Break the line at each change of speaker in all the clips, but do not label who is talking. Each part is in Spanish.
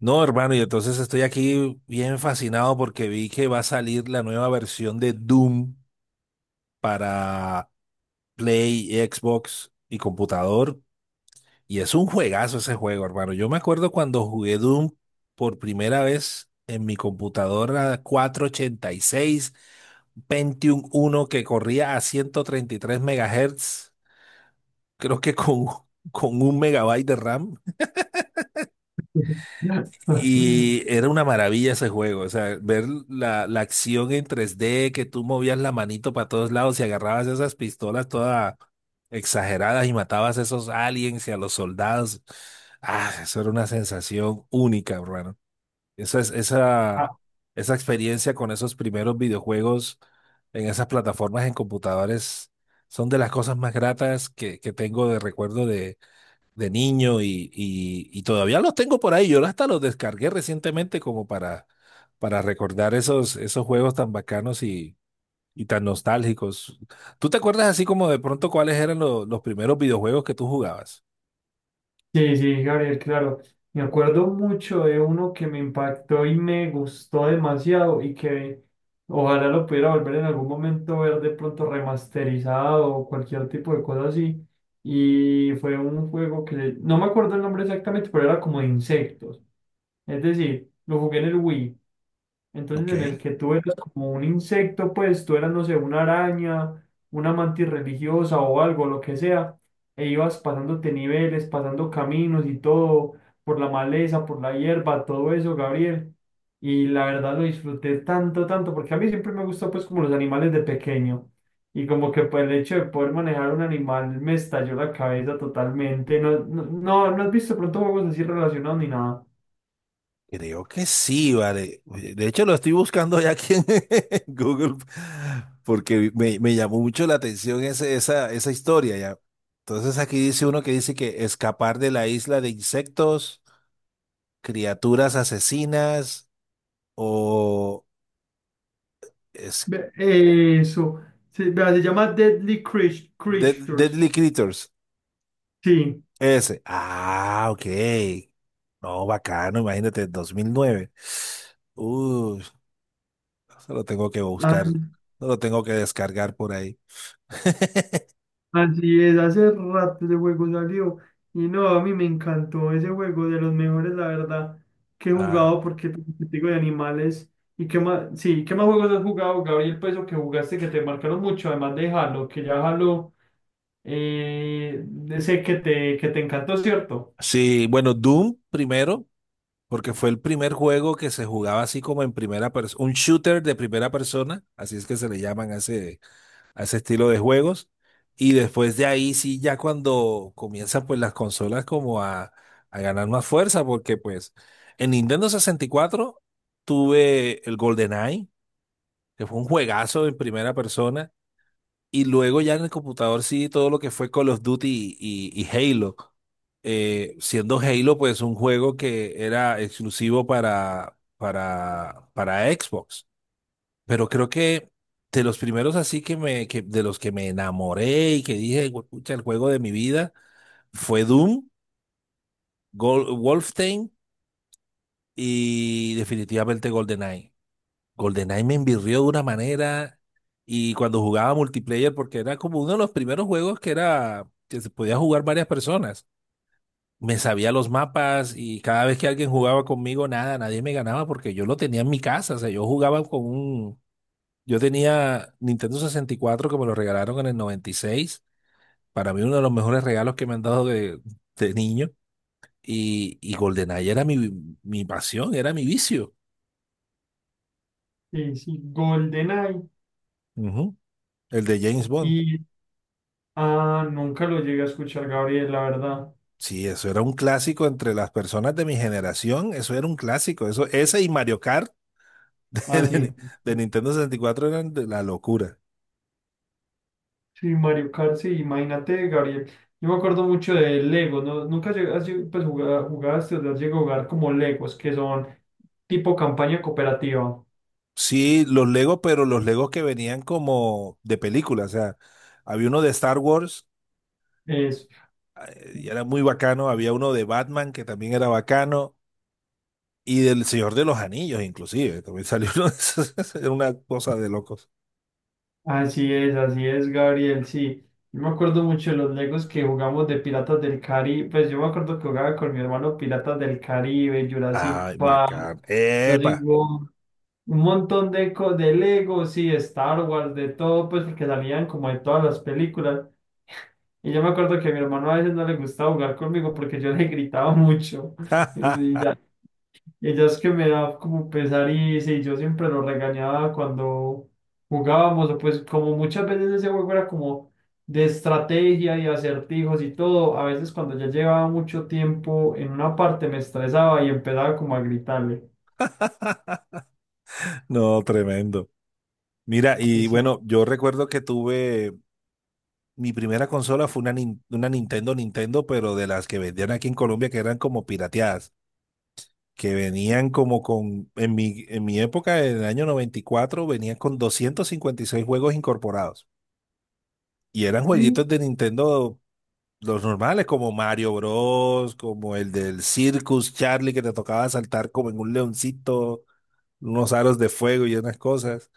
No, hermano, y entonces estoy aquí bien fascinado porque vi que va a salir la nueva versión de Doom para Play, Xbox y computador. Y es un juegazo ese juego, hermano. Yo me acuerdo cuando jugué Doom por primera vez en mi computadora cuatrocientos ochenta y seis Pentium uno que corría a 133 megahertz, creo que con un megabyte de RAM. Y era una maravilla ese juego, o sea, ver la acción en 3D, que tú movías la manito para todos lados y agarrabas esas pistolas todas exageradas y matabas a esos aliens y a los soldados. Ah, eso era una sensación única, hermano. Esa, es-
Ah,
esa, esa experiencia con esos primeros videojuegos en esas plataformas en computadores son de las cosas más gratas que tengo de recuerdo de niño y todavía los tengo por ahí. Yo hasta los descargué recientemente como para recordar esos juegos tan bacanos y tan nostálgicos. ¿Tú te acuerdas así como de pronto cuáles eran los primeros videojuegos que tú jugabas?
sí, sí, Gabriel, claro. Me acuerdo mucho de uno que me impactó y me gustó demasiado y que ojalá lo pudiera volver en algún momento ver de pronto remasterizado o cualquier tipo de cosa así. Y fue un juego que no me acuerdo el nombre exactamente, pero era como de insectos. Es decir, lo jugué en el Wii. Entonces,
Ok.
en el que tú eras como un insecto, pues tú eras, no sé, una araña, una mantis religiosa o algo, lo que sea, e ibas pasándote niveles, pasando caminos y todo, por la maleza, por la hierba, todo eso, Gabriel. Y la verdad lo disfruté tanto, tanto, porque a mí siempre me gustó, pues, como los animales de pequeño. Y como que pues, el hecho de poder manejar un animal me estalló la cabeza totalmente. No has visto pronto juegos así relacionados ni nada.
Creo que sí, vale. Oye, de hecho, lo estoy buscando ya aquí en Google porque me llamó mucho la atención esa historia ya. Entonces aquí dice uno que dice que escapar de la isla de insectos, criaturas asesinas o es-
Eso. Se, vea, se llama Creatures.
Deadly Creatures.
Sí.
Ese. Ah, ok. No, bacano, imagínate, dos mil nueve. Uy, eso lo tengo que
¿Sí? Ah,
buscar, no lo tengo que descargar por ahí.
así es, hace rato ese juego salió. Y no, a mí me encantó ese juego, de los mejores, la verdad, que he
Ah,
jugado porque te digo de animales. ¿Y qué más? Sí, ¿qué más juegos has jugado, Gabriel? Pues o que jugaste que te marcaron mucho, además de Halo, que ya Halo, eh, sé que te encantó, ¿cierto?
sí, bueno, Doom primero, porque fue el primer juego que se jugaba así como en primera persona, un shooter de primera persona, así es que se le llaman hace a ese estilo de juegos. Y después de ahí sí, ya cuando comienzan pues las consolas como a ganar más fuerza, porque pues en Nintendo sesenta y cuatro tuve el GoldenEye, que fue un juegazo en primera persona, y luego ya en el computador sí todo lo que fue Call of Duty y Halo. Siendo Halo pues un juego que era exclusivo para Xbox. Pero creo que de los primeros así que de los que me enamoré y que dije, pucha, el juego de mi vida fue Doom, Wolfenstein y definitivamente GoldenEye. GoldenEye me envirrió de una manera y cuando jugaba multiplayer, porque era como uno de los primeros juegos que se podía jugar varias personas. Me sabía los mapas y cada vez que alguien jugaba conmigo, nada, nadie me ganaba porque yo lo tenía en mi casa. O sea, yo jugaba yo tenía Nintendo sesenta y cuatro que me lo regalaron en el noventa y seis. Para mí uno de los mejores regalos que me han dado de niño. Y GoldenEye era mi pasión, era mi vicio.
Sí, sí, GoldenEye.
Ujú. El de James Bond.
Y nunca lo llegué a escuchar, Gabriel, la verdad.
Sí, eso era un clásico entre las personas de mi generación. Eso era un clásico. Eso, ese y Mario Kart de,
Ah, sí.
de- de Nintendo sesenta y cuatro eran de la locura.
Sí, Mario Kart, sí, imagínate, Gabriel. Yo me acuerdo mucho de Lego, ¿no? Nunca llegas, pues, jugaste, o sea, llegué a jugar como Legos, que son tipo campaña cooperativa.
Sí, los Legos, pero los Legos que venían como de película. O sea, había uno de Star Wars,
Es,
y era muy bacano. Había uno de Batman que también era bacano y del Señor de los Anillos, inclusive. También salió uno de esos. Era una cosa de locos.
así es, así es, Gabriel, sí. Yo me acuerdo mucho de los Legos que jugamos de Piratas del Caribe. Pues yo me acuerdo que jugaba con mi hermano Piratas del Caribe, Jurassic
Ay,
Park.
bacán.
Yo
¡Epa!
digo, un montón de, de legos sí, Star Wars, de todo, pues porque salían como de todas las películas. Y yo me acuerdo que a mi hermano a veces no le gustaba jugar conmigo porque yo le gritaba mucho. Y, y ya, y ya es que me da como pesar y sí, yo siempre lo regañaba cuando jugábamos. O Pues como muchas veces ese juego era como de estrategia y acertijos y todo, a veces cuando ya llevaba mucho tiempo en una parte me estresaba y empezaba como a gritarle.
No, tremendo. Mira, y
Así,
bueno, yo recuerdo que tuve. Mi primera consola fue una Nintendo, pero de las que vendían aquí en Colombia, que eran como pirateadas, que venían como en mi época, en el año 94 venían con 256 juegos incorporados. Y eran
sí.
jueguitos de Nintendo. Los normales, como Mario Bros, como el del Circus Charlie, que te tocaba saltar como en un leoncito, unos aros de fuego y unas cosas.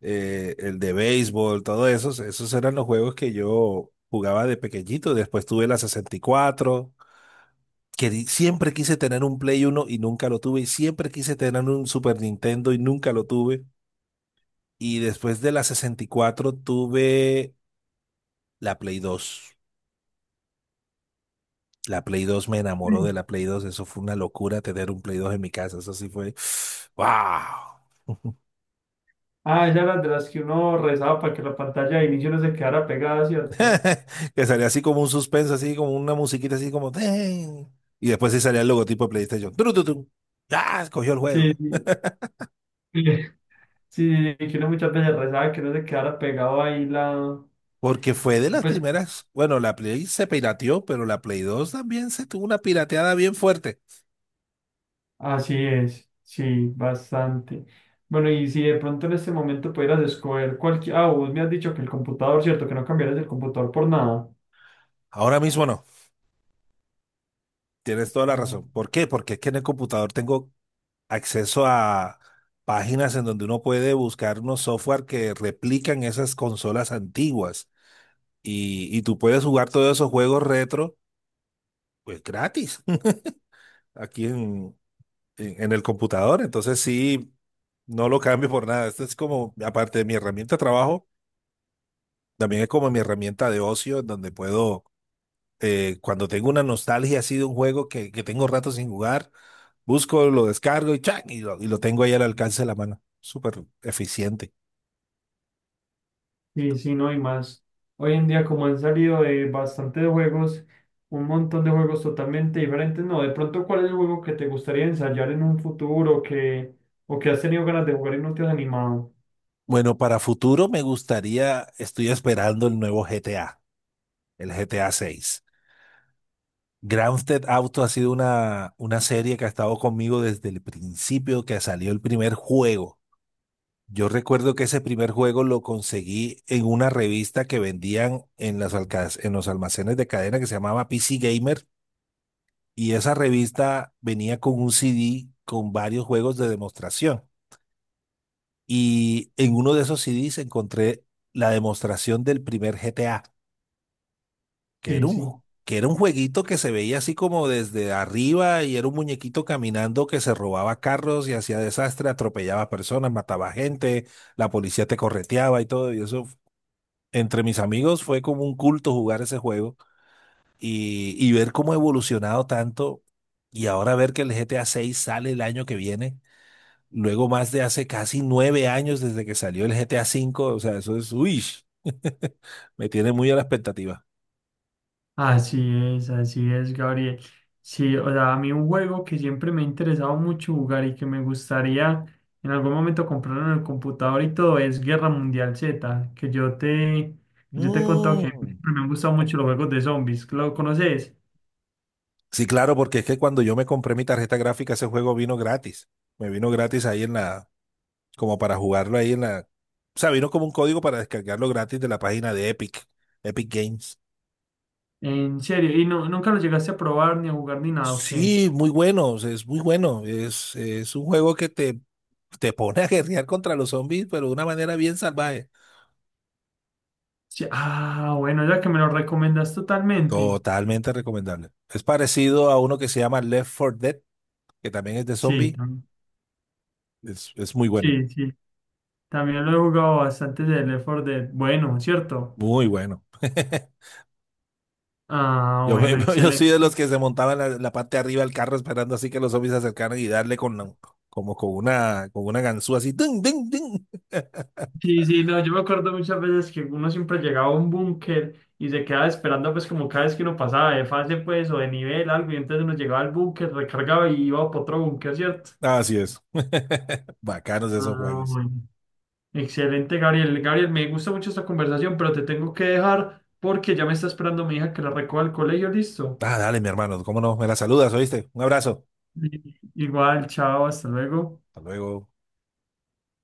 El de béisbol, todo esos eran los juegos que yo jugaba de pequeñito. Después tuve la 64, siempre quise tener un Play Uno y nunca lo tuve. Y siempre quise tener un Super Nintendo y nunca lo tuve. Y después de la 64 tuve la Play 2. La Play 2 me enamoró de la Play 2. Eso fue una locura tener un Play 2 en mi casa. Eso sí fue. ¡Wow!
Ah, ella era de las que uno rezaba para que la pantalla de inicio no se quedara pegada, ¿cierto?
Que salía así como un suspenso, así como una musiquita, así como, "Ten". Y después sí salía el logotipo de PlayStation. ¡Tru, tu, tu! ¡Ah! Cogió el juego.
Sí, sí. Sí, que uno muchas veces rezaba que no se quedara pegado ahí la...
Porque fue de las
Pues
primeras. Bueno, la Play se pirateó, pero la Play 2 también se tuvo una pirateada bien fuerte.
así es, sí, bastante. Bueno, y si de pronto en este momento pudieras escoger cualquier... Ah, vos me has dicho que el computador, ¿cierto? Que no cambiaras el computador por nada.
Ahora mismo no. Tienes toda la razón.
Ajá.
¿Por qué? Porque es que en el computador tengo acceso a páginas en donde uno puede buscar unos software que replican esas consolas antiguas y tú puedes jugar todos esos juegos retro pues gratis aquí en el computador. Entonces sí, no lo cambio por nada. Esto es como, aparte de mi herramienta de trabajo, también es como mi herramienta de ocio en donde cuando tengo una nostalgia así de un juego que tengo rato sin jugar, busco, lo descargo y, ¡chac! Y lo tengo ahí al alcance de la mano. Súper eficiente.
Sí, sí, no, y más. Hoy en día, como han salido de bastante de juegos, un montón de juegos totalmente diferentes, no, de pronto, ¿cuál es el juego que te gustaría ensayar en un futuro que, o que has tenido ganas de jugar y no te has animado?
Bueno, para futuro me gustaría, estoy esperando el nuevo GTA, el GTA 6. Grand Theft Auto ha sido una serie que ha estado conmigo desde el principio que salió el primer juego. Yo recuerdo que ese primer juego lo conseguí en una revista que vendían en las en los almacenes de cadena que se llamaba PC Gamer y esa revista venía con un CD con varios juegos de demostración. Y en uno de esos CDs encontré la demostración del primer GTA, que era
Sí,
un,
sí.
que era un jueguito que se veía así como desde arriba y era un muñequito caminando que se robaba carros y hacía desastre, atropellaba personas, mataba gente, la policía te correteaba y todo. Y eso, entre mis amigos, fue como un culto jugar ese juego y ver cómo ha evolucionado tanto y ahora ver que el GTA 6 sale el año que viene. Luego más de hace casi nueve años desde que salió el GTA cinco, o sea, eso es, uy, me tiene muy a la expectativa.
Así así es, Gabriel. Sí, o sea, a mí un juego que siempre me ha interesado mucho jugar y que me gustaría en algún momento comprar en el computador y todo es Guerra Mundial Z, que yo te he contado que
Mm.
siempre me han gustado mucho los juegos de zombies. ¿Lo conoces?
Sí, claro, porque es que cuando yo me compré mi tarjeta gráfica, ese juego vino gratis. Me vino gratis ahí en la, como para jugarlo ahí en la, o sea, vino como un código para descargarlo gratis de la página de Epic, Epic Games.
En serio, ¿y no, nunca lo llegaste a probar ni a jugar ni nada, o qué?
Sí, muy bueno, o sea, es muy bueno. Es un juego que te pone a guerrear contra los zombies, pero de una manera bien salvaje.
Sí, ah, bueno, ya que me lo recomendas totalmente.
Totalmente recomendable. Es parecido a uno que se llama Left 4 Dead, que también es de
Sí,
zombie.
tam-
Es muy bueno,
sí, sí. También lo he jugado bastante del Left 4 Dead. Bueno, ¿cierto?
muy bueno.
Ah,
Yo, me-
bueno,
yo soy de los
excelente.
que se montaban la parte de arriba del carro esperando así que los zombies se acercaran y darle con la- como con una ganzúa así. ¡Ding, ding, ding!
Sí, sí, no, yo me acuerdo muchas veces que uno siempre llegaba a un búnker y se quedaba esperando, pues, como cada vez que uno pasaba de fase, pues, o de nivel, algo, y entonces uno llegaba al búnker, recargaba y iba para otro búnker, ¿cierto?
Así es. Bacanos esos
Ah,
juegos.
bueno. Excelente, Gabriel. Gabriel, me gusta mucho esta conversación, pero te tengo que dejar porque ya me está esperando mi hija que la recoja al colegio, listo.
Ah, dale, mi hermano, cómo no, me la saludas, ¿oíste? Un abrazo.
Sí. Igual, chao, hasta luego.
Hasta luego.